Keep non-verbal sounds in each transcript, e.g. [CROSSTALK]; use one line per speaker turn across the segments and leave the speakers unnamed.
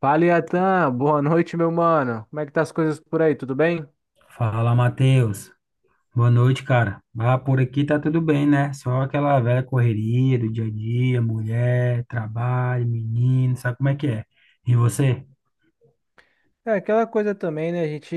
Fala, Iatan. Boa noite, meu mano. Como é que tá as coisas por aí? Tudo bem?
Fala, Matheus. Boa noite, cara. Ah, por aqui tá tudo bem, né? Só aquela velha correria do dia a dia, mulher, trabalho, menino, sabe como é que é? E você?
É, aquela coisa também, né? A gente,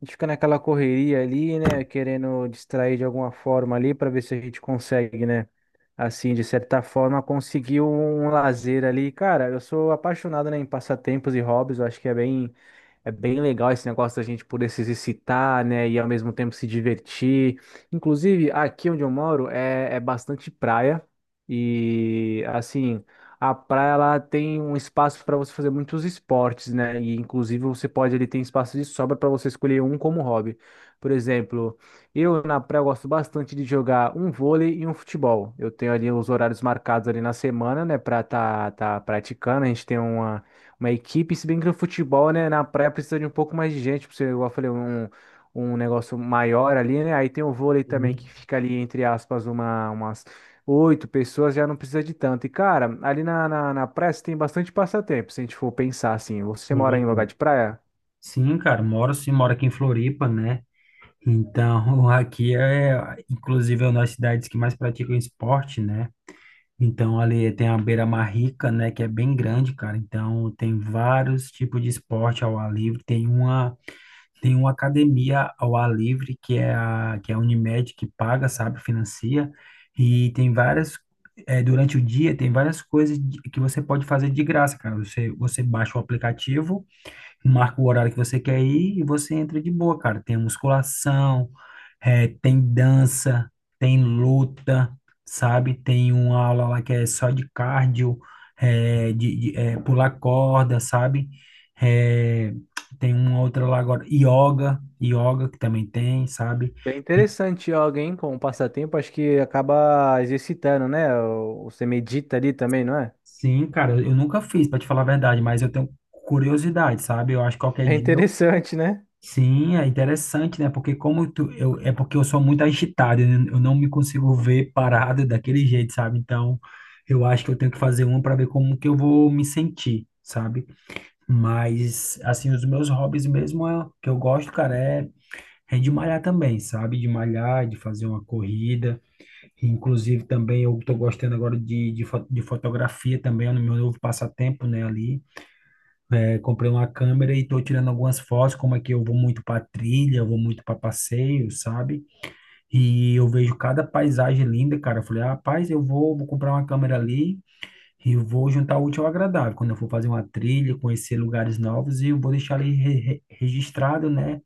a gente fica naquela correria ali, né? Querendo distrair de alguma forma ali para ver se a gente consegue, né? Assim, de certa forma, conseguir um lazer ali. Cara, eu sou apaixonado, né, em passatempos e hobbies. Eu acho que é bem legal esse negócio da gente poder se exercitar, né, e ao mesmo tempo se divertir. Inclusive, aqui onde eu moro é bastante praia e, assim, a praia ela tem um espaço para você fazer muitos esportes, né, e inclusive você pode, ele tem espaço de sobra para você escolher um como hobby. Por exemplo, eu na praia eu gosto bastante de jogar um vôlei e um futebol. Eu tenho ali os horários marcados ali na semana, né, para tá praticando. A gente tem uma equipe, se bem que no futebol, né, na praia precisa de um pouco mais de gente, pra você, igual eu falei, um negócio maior ali, né? Aí tem o vôlei também, que
Uhum,
fica ali, entre aspas, umas 8 pessoas, já não precisa de tanto. E, cara, ali na praia você tem bastante passatempo, se a gente for pensar assim. Você
é
mora em lugar
verdade.
de praia?
Sim, cara, moro sim, moro aqui em Floripa, né? Então, [LAUGHS] aqui é, inclusive, é uma das cidades que mais praticam esporte, né? Então, ali tem a beira-mar rica, né, que é bem grande, cara. Então, tem vários tipos de esporte ao ar livre. Tem uma academia ao ar livre, que é a Unimed, que paga, sabe, financia, e tem várias, durante o dia, tem várias coisas que você pode fazer de graça, cara. Você, você baixa o aplicativo, marca o horário que você quer ir e você entra de boa, cara. Tem musculação, tem dança, tem luta, sabe? Tem uma aula lá que é só de cardio, pular corda, sabe? Eh, tem uma outra lá agora, yoga que também tem, sabe?
Bem interessante alguém com passatempo, acho que acaba exercitando, né? Você medita ali também, não é?
Sim, cara, eu nunca fiz, pra te falar a verdade, mas eu tenho curiosidade, sabe? Eu acho que qualquer
É
dia.
interessante, né?
Sim, é interessante, né? Porque como tu, eu, é porque eu sou muito agitado, eu não me consigo ver parado daquele jeito, sabe? Então, eu acho que eu tenho que fazer uma para ver como que eu vou me sentir, sabe? Mas, assim, os meus hobbies mesmo é, que eu gosto, cara, é, é de malhar também, sabe? De malhar, de fazer uma corrida. Inclusive, também eu tô gostando agora de fotografia também, é no meu novo passatempo, né? Ali. Eu comprei uma câmera e estou tirando algumas fotos, como é que eu vou muito para trilha, eu vou muito para passeio, sabe? E eu vejo cada paisagem linda, cara. Eu falei, ah, rapaz, eu vou, vou comprar uma câmera ali e eu vou juntar o útil ao agradável. Quando eu for fazer uma trilha, conhecer lugares novos, e eu vou deixar ali registrado, né?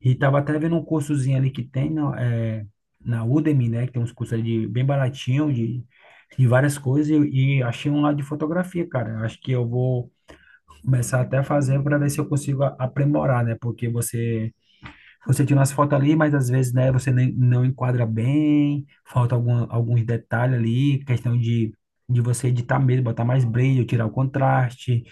E tava até vendo um cursozinho ali que tem na, é, na Udemy, né? Que tem uns cursos ali de, bem baratinho de várias coisas e achei um lá de fotografia, cara. Acho que eu vou começar até a fazer para ver se eu consigo aprimorar, né? Porque você tira umas fotos ali, mas às vezes, né, você nem, não enquadra bem, falta algum, alguns detalhes ali, questão de você editar mesmo, botar mais brilho, tirar o contraste,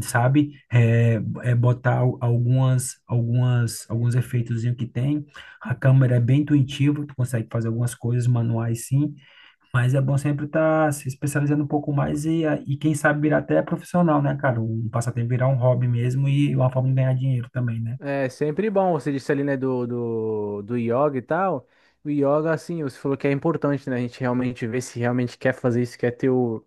sabe? É, é botar algumas alguns efeitos que tem. A câmera é bem intuitiva, tu consegue fazer algumas coisas manuais sim, mas é bom sempre estar se especializando um pouco mais e quem sabe virar até profissional, né, cara? Um passatempo virar um hobby mesmo e uma forma de ganhar dinheiro também, né?
É sempre bom, você disse ali, né, do yoga e tal. O yoga, assim, você falou que é importante, né? A gente realmente ver se realmente quer fazer isso, quer ter o,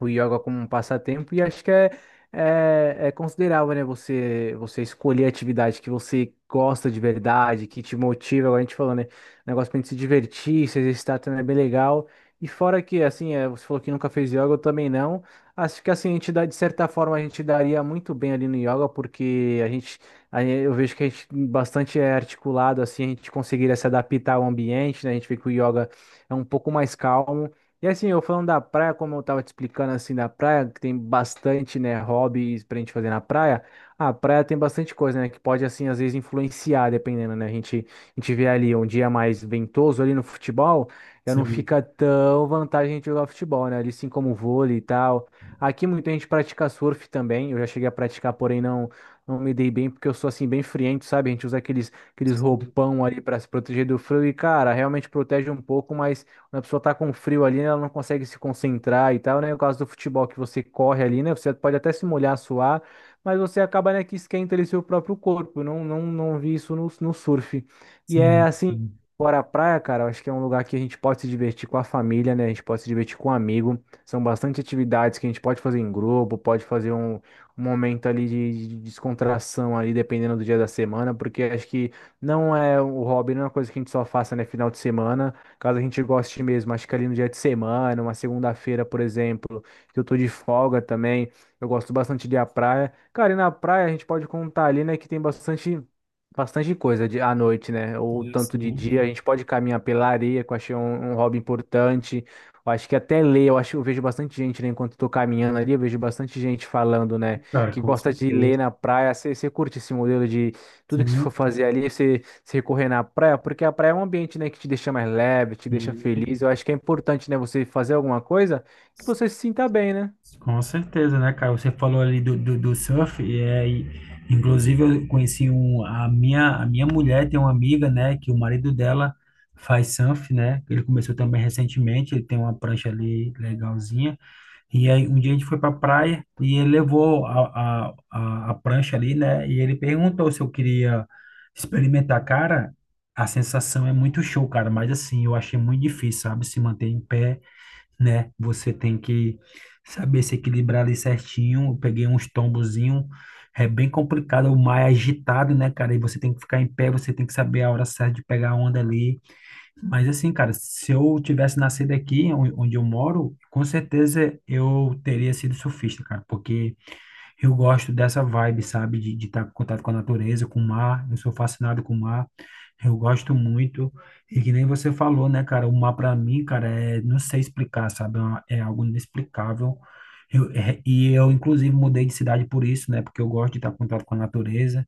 o yoga como um passatempo e acho que é considerável, né? Você escolher a atividade que você gosta de verdade, que te motiva, agora a gente falou, né? Um negócio pra gente se divertir, se exercitar também é bem legal. E fora que, assim, é, você falou que nunca fez yoga, eu também não. Acho que, assim, a gente dá, de certa forma, a gente daria muito bem ali no yoga, porque eu vejo que a gente bastante é articulado, assim, a gente conseguiria se adaptar ao ambiente, né? A gente vê que o yoga é um pouco mais calmo, e assim, eu falando da praia, como eu tava te explicando assim da praia, que tem bastante, né, hobbies pra gente fazer na praia. A praia tem bastante coisa, né, que pode assim às vezes influenciar, dependendo, né? A gente vê ali um dia mais ventoso ali no futebol, já não
Sim,
fica tão vantagem a gente jogar futebol, né? Ali sim como vôlei e tal. Aqui muita gente pratica surf também. Eu já cheguei a praticar, porém não me dei bem porque eu sou assim bem friento, sabe? A gente usa aqueles
sim.
roupão ali pra se proteger do frio e cara, realmente protege um pouco, mas quando a pessoa tá com frio ali, ela não consegue se concentrar e tal, né? No caso do futebol que você corre ali, né? Você pode até se molhar, suar, mas você acaba, né, que esquenta ali seu próprio corpo. Eu não vi isso no surf. E é
Sim,
assim,
sim,
fora a praia, cara, eu acho que é um lugar que a gente pode se divertir com a família, né? A gente pode se divertir com um amigo. São bastante atividades que a gente pode fazer em grupo, pode fazer um momento ali de descontração ali, dependendo do dia da semana, porque acho que não é o hobby, não é uma coisa que a gente só faça, né, final de semana. Caso a gente goste mesmo, acho que ali no dia de semana, uma segunda-feira, por exemplo, que eu tô de folga também, eu gosto bastante de ir à praia. Cara, e na praia a gente pode contar ali, né, que tem bastante coisa de, à noite, né? Ou tanto de
sim,
dia, a gente pode caminhar pela areia, que eu achei um hobby importante. Eu acho que até ler, eu acho, eu vejo bastante gente, né, enquanto eu tô caminhando ali, eu vejo bastante gente falando, né,
cara,
que
com
gosta de ler
certeza.
na praia. Você curte esse modelo de tudo que você
Sim.
for fazer ali, você se correr na praia, porque a praia é um ambiente, né, que te deixa mais leve, te deixa
Sim.
feliz. Eu acho que é importante, né, você fazer alguma coisa que você se sinta bem, né?
Com certeza, né, cara? Você falou ali do surf, e, é, e inclusive eu conheci um, a minha mulher tem uma amiga, né, que o marido dela faz surf, né? Ele começou também recentemente, ele tem uma prancha ali legalzinha. E aí, um dia a gente foi para praia e ele levou a prancha ali, né? E ele perguntou se eu queria experimentar. Cara, a sensação é muito show, cara, mas assim, eu achei muito difícil, sabe? Se manter em pé, né? Você tem que saber se equilibrar ali certinho. Eu peguei uns tombozinhos, é bem complicado, o mar é agitado, né, cara? E você tem que ficar em pé, você tem que saber a hora certa de pegar a onda ali. Mas assim, cara, se eu tivesse nascido aqui, onde eu moro, com certeza eu teria sido surfista, cara, porque eu gosto dessa vibe, sabe, de estar em contato com a natureza, com o mar. Eu sou fascinado com o mar, eu gosto muito. E que nem você falou, né, cara, o mar pra mim, cara, é, não sei explicar, sabe, é algo inexplicável. E eu, inclusive, mudei de cidade por isso, né, porque eu gosto de estar em contato com a natureza,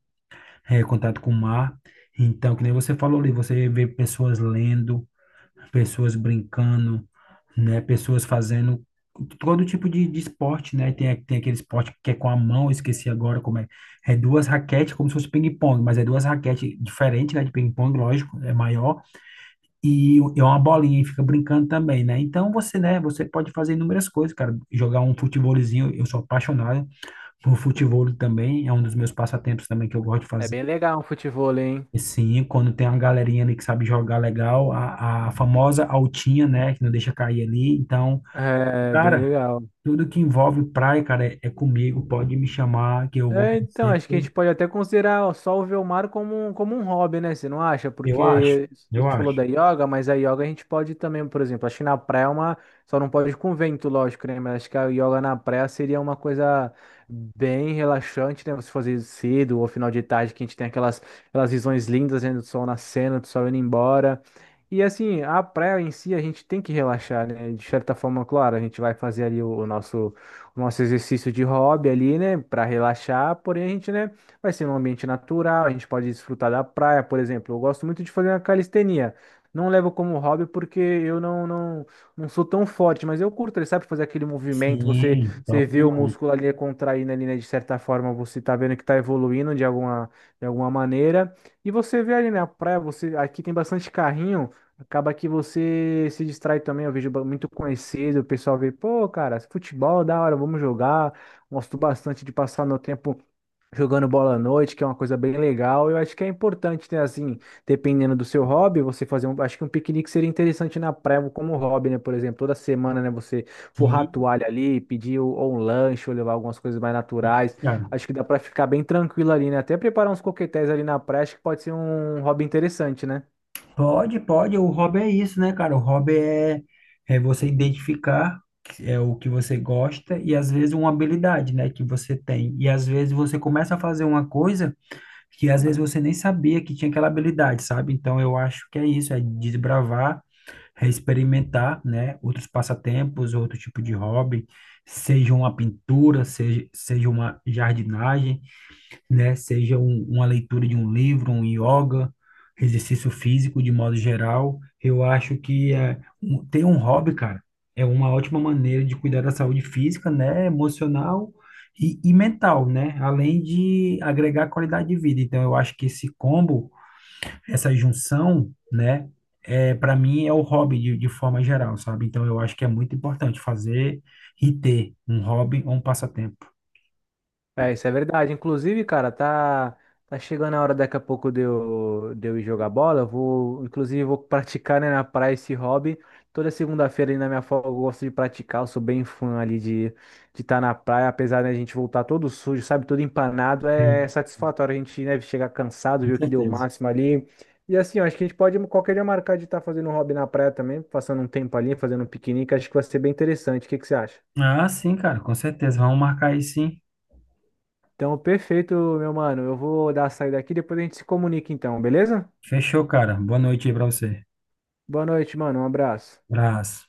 é, contato com o mar. Então, que nem você falou ali, você vê pessoas lendo, pessoas brincando, né? Pessoas fazendo todo tipo de esporte, né? Tem, tem aquele esporte que é com a mão, eu esqueci agora como é. É duas raquetes, como se fosse ping-pong, mas é duas raquetes diferentes, né? De ping-pong, lógico, é maior. E é uma bolinha e fica brincando também, né? Então você, né? Você pode fazer inúmeras coisas, cara. Jogar um futebolzinho, eu sou apaixonado por futebol também, é um dos meus passatempos também que eu gosto de
É
fazer.
bem legal um futevôlei, hein?
E sim, quando tem uma galerinha ali que sabe jogar legal, a famosa altinha, né, que não deixa cair ali. Então,
É, bem
cara,
legal.
tudo que envolve praia, cara, é, é comigo. Pode me chamar que eu vou
É, então, acho que a
sempre.
gente pode até considerar só o Velmar como, como um hobby, né? Você não acha?
Eu acho,
Porque a
eu
gente falou
acho.
da yoga, mas a yoga a gente pode também, por exemplo, acho que na praia é uma. Só não pode com vento, lógico, né? Mas acho que a yoga na praia seria uma coisa bem relaxante, né? Você fazer cedo ou final de tarde, que a gente tem aquelas visões lindas, né? Do sol nascendo, do sol indo embora. E assim, a praia em si a gente tem que relaxar, né? De certa forma, claro, a gente vai fazer ali o nosso exercício de hobby ali, né, para relaxar, porém a gente, né, vai ser num ambiente natural, a gente pode desfrutar da praia, por exemplo. Eu gosto muito de fazer uma calistenia. Não levo como hobby porque eu não sou tão forte, mas eu curto, ele sabe fazer aquele movimento, você,
Sim,
você
top
vê o
demais.
músculo ali contraindo ali, né, de certa forma, você tá vendo que tá evoluindo de alguma maneira. E você vê ali na praia, você aqui tem bastante carrinho. Acaba que você se distrai também. Eu vejo muito conhecido, o pessoal vê, pô, cara, futebol, da hora, vamos jogar. Gosto bastante de passar meu tempo jogando bola à noite, que é uma coisa bem legal. Eu acho que é importante, né, assim, dependendo do seu hobby, você fazer um. Acho que um piquenique seria interessante na praia como hobby, né? Por exemplo, toda semana, né, você forrar a
Sim,
toalha ali, pedir ou um lanche, ou levar algumas coisas mais
sim,
naturais.
cara.
Acho que dá pra ficar bem tranquilo ali, né? Até preparar uns coquetéis ali na praia, acho que pode ser um hobby interessante, né?
Pode, pode. O hobby é isso, né, cara? O hobby é, é você identificar que é o que você gosta e às vezes uma habilidade, né, que você tem. E às vezes você começa a fazer uma coisa que às vezes você nem sabia que tinha aquela habilidade, sabe? Então eu acho que é isso, é desbravar, é experimentar, né? Outros passatempos, outro tipo de hobby, seja uma pintura, seja, seja uma jardinagem, né? Seja um, uma leitura de um livro, um yoga, exercício físico de modo geral. Eu acho que é, ter um hobby, cara, é uma ótima maneira de cuidar da saúde física, né? Emocional e mental, né? Além de agregar qualidade de vida. Então, eu acho que esse combo, essa junção, né? É, para mim é o hobby de forma geral, sabe? Então eu acho que é muito importante fazer e ter um hobby ou um passatempo.
É, isso é verdade. Inclusive, cara, tá chegando a hora daqui a pouco de eu ir jogar bola. Eu vou, inclusive, vou [LAUGHS] praticar, né, na praia esse hobby. Toda segunda-feira ali na minha folga eu gosto de praticar. Eu sou bem fã ali de estar na praia, apesar da gente voltar todo sujo, sabe, todo empanado. É
Hum.
satisfatório a gente, né, chegar cansado,
Com
ver o que deu o
certeza.
máximo ali. E assim, eu acho que a gente pode qualquer dia marcar de estar fazendo um hobby na praia também, passando um tempo ali, fazendo um piquenique. Acho que vai ser bem interessante. O que que você acha?
Ah, sim, cara, com certeza. Vamos marcar aí sim.
Então, perfeito, meu mano. Eu vou dar a saída aqui, depois a gente se comunica então, beleza?
Fechou, cara. Boa noite aí pra você.
Boa noite, mano. Um abraço.
Abraço.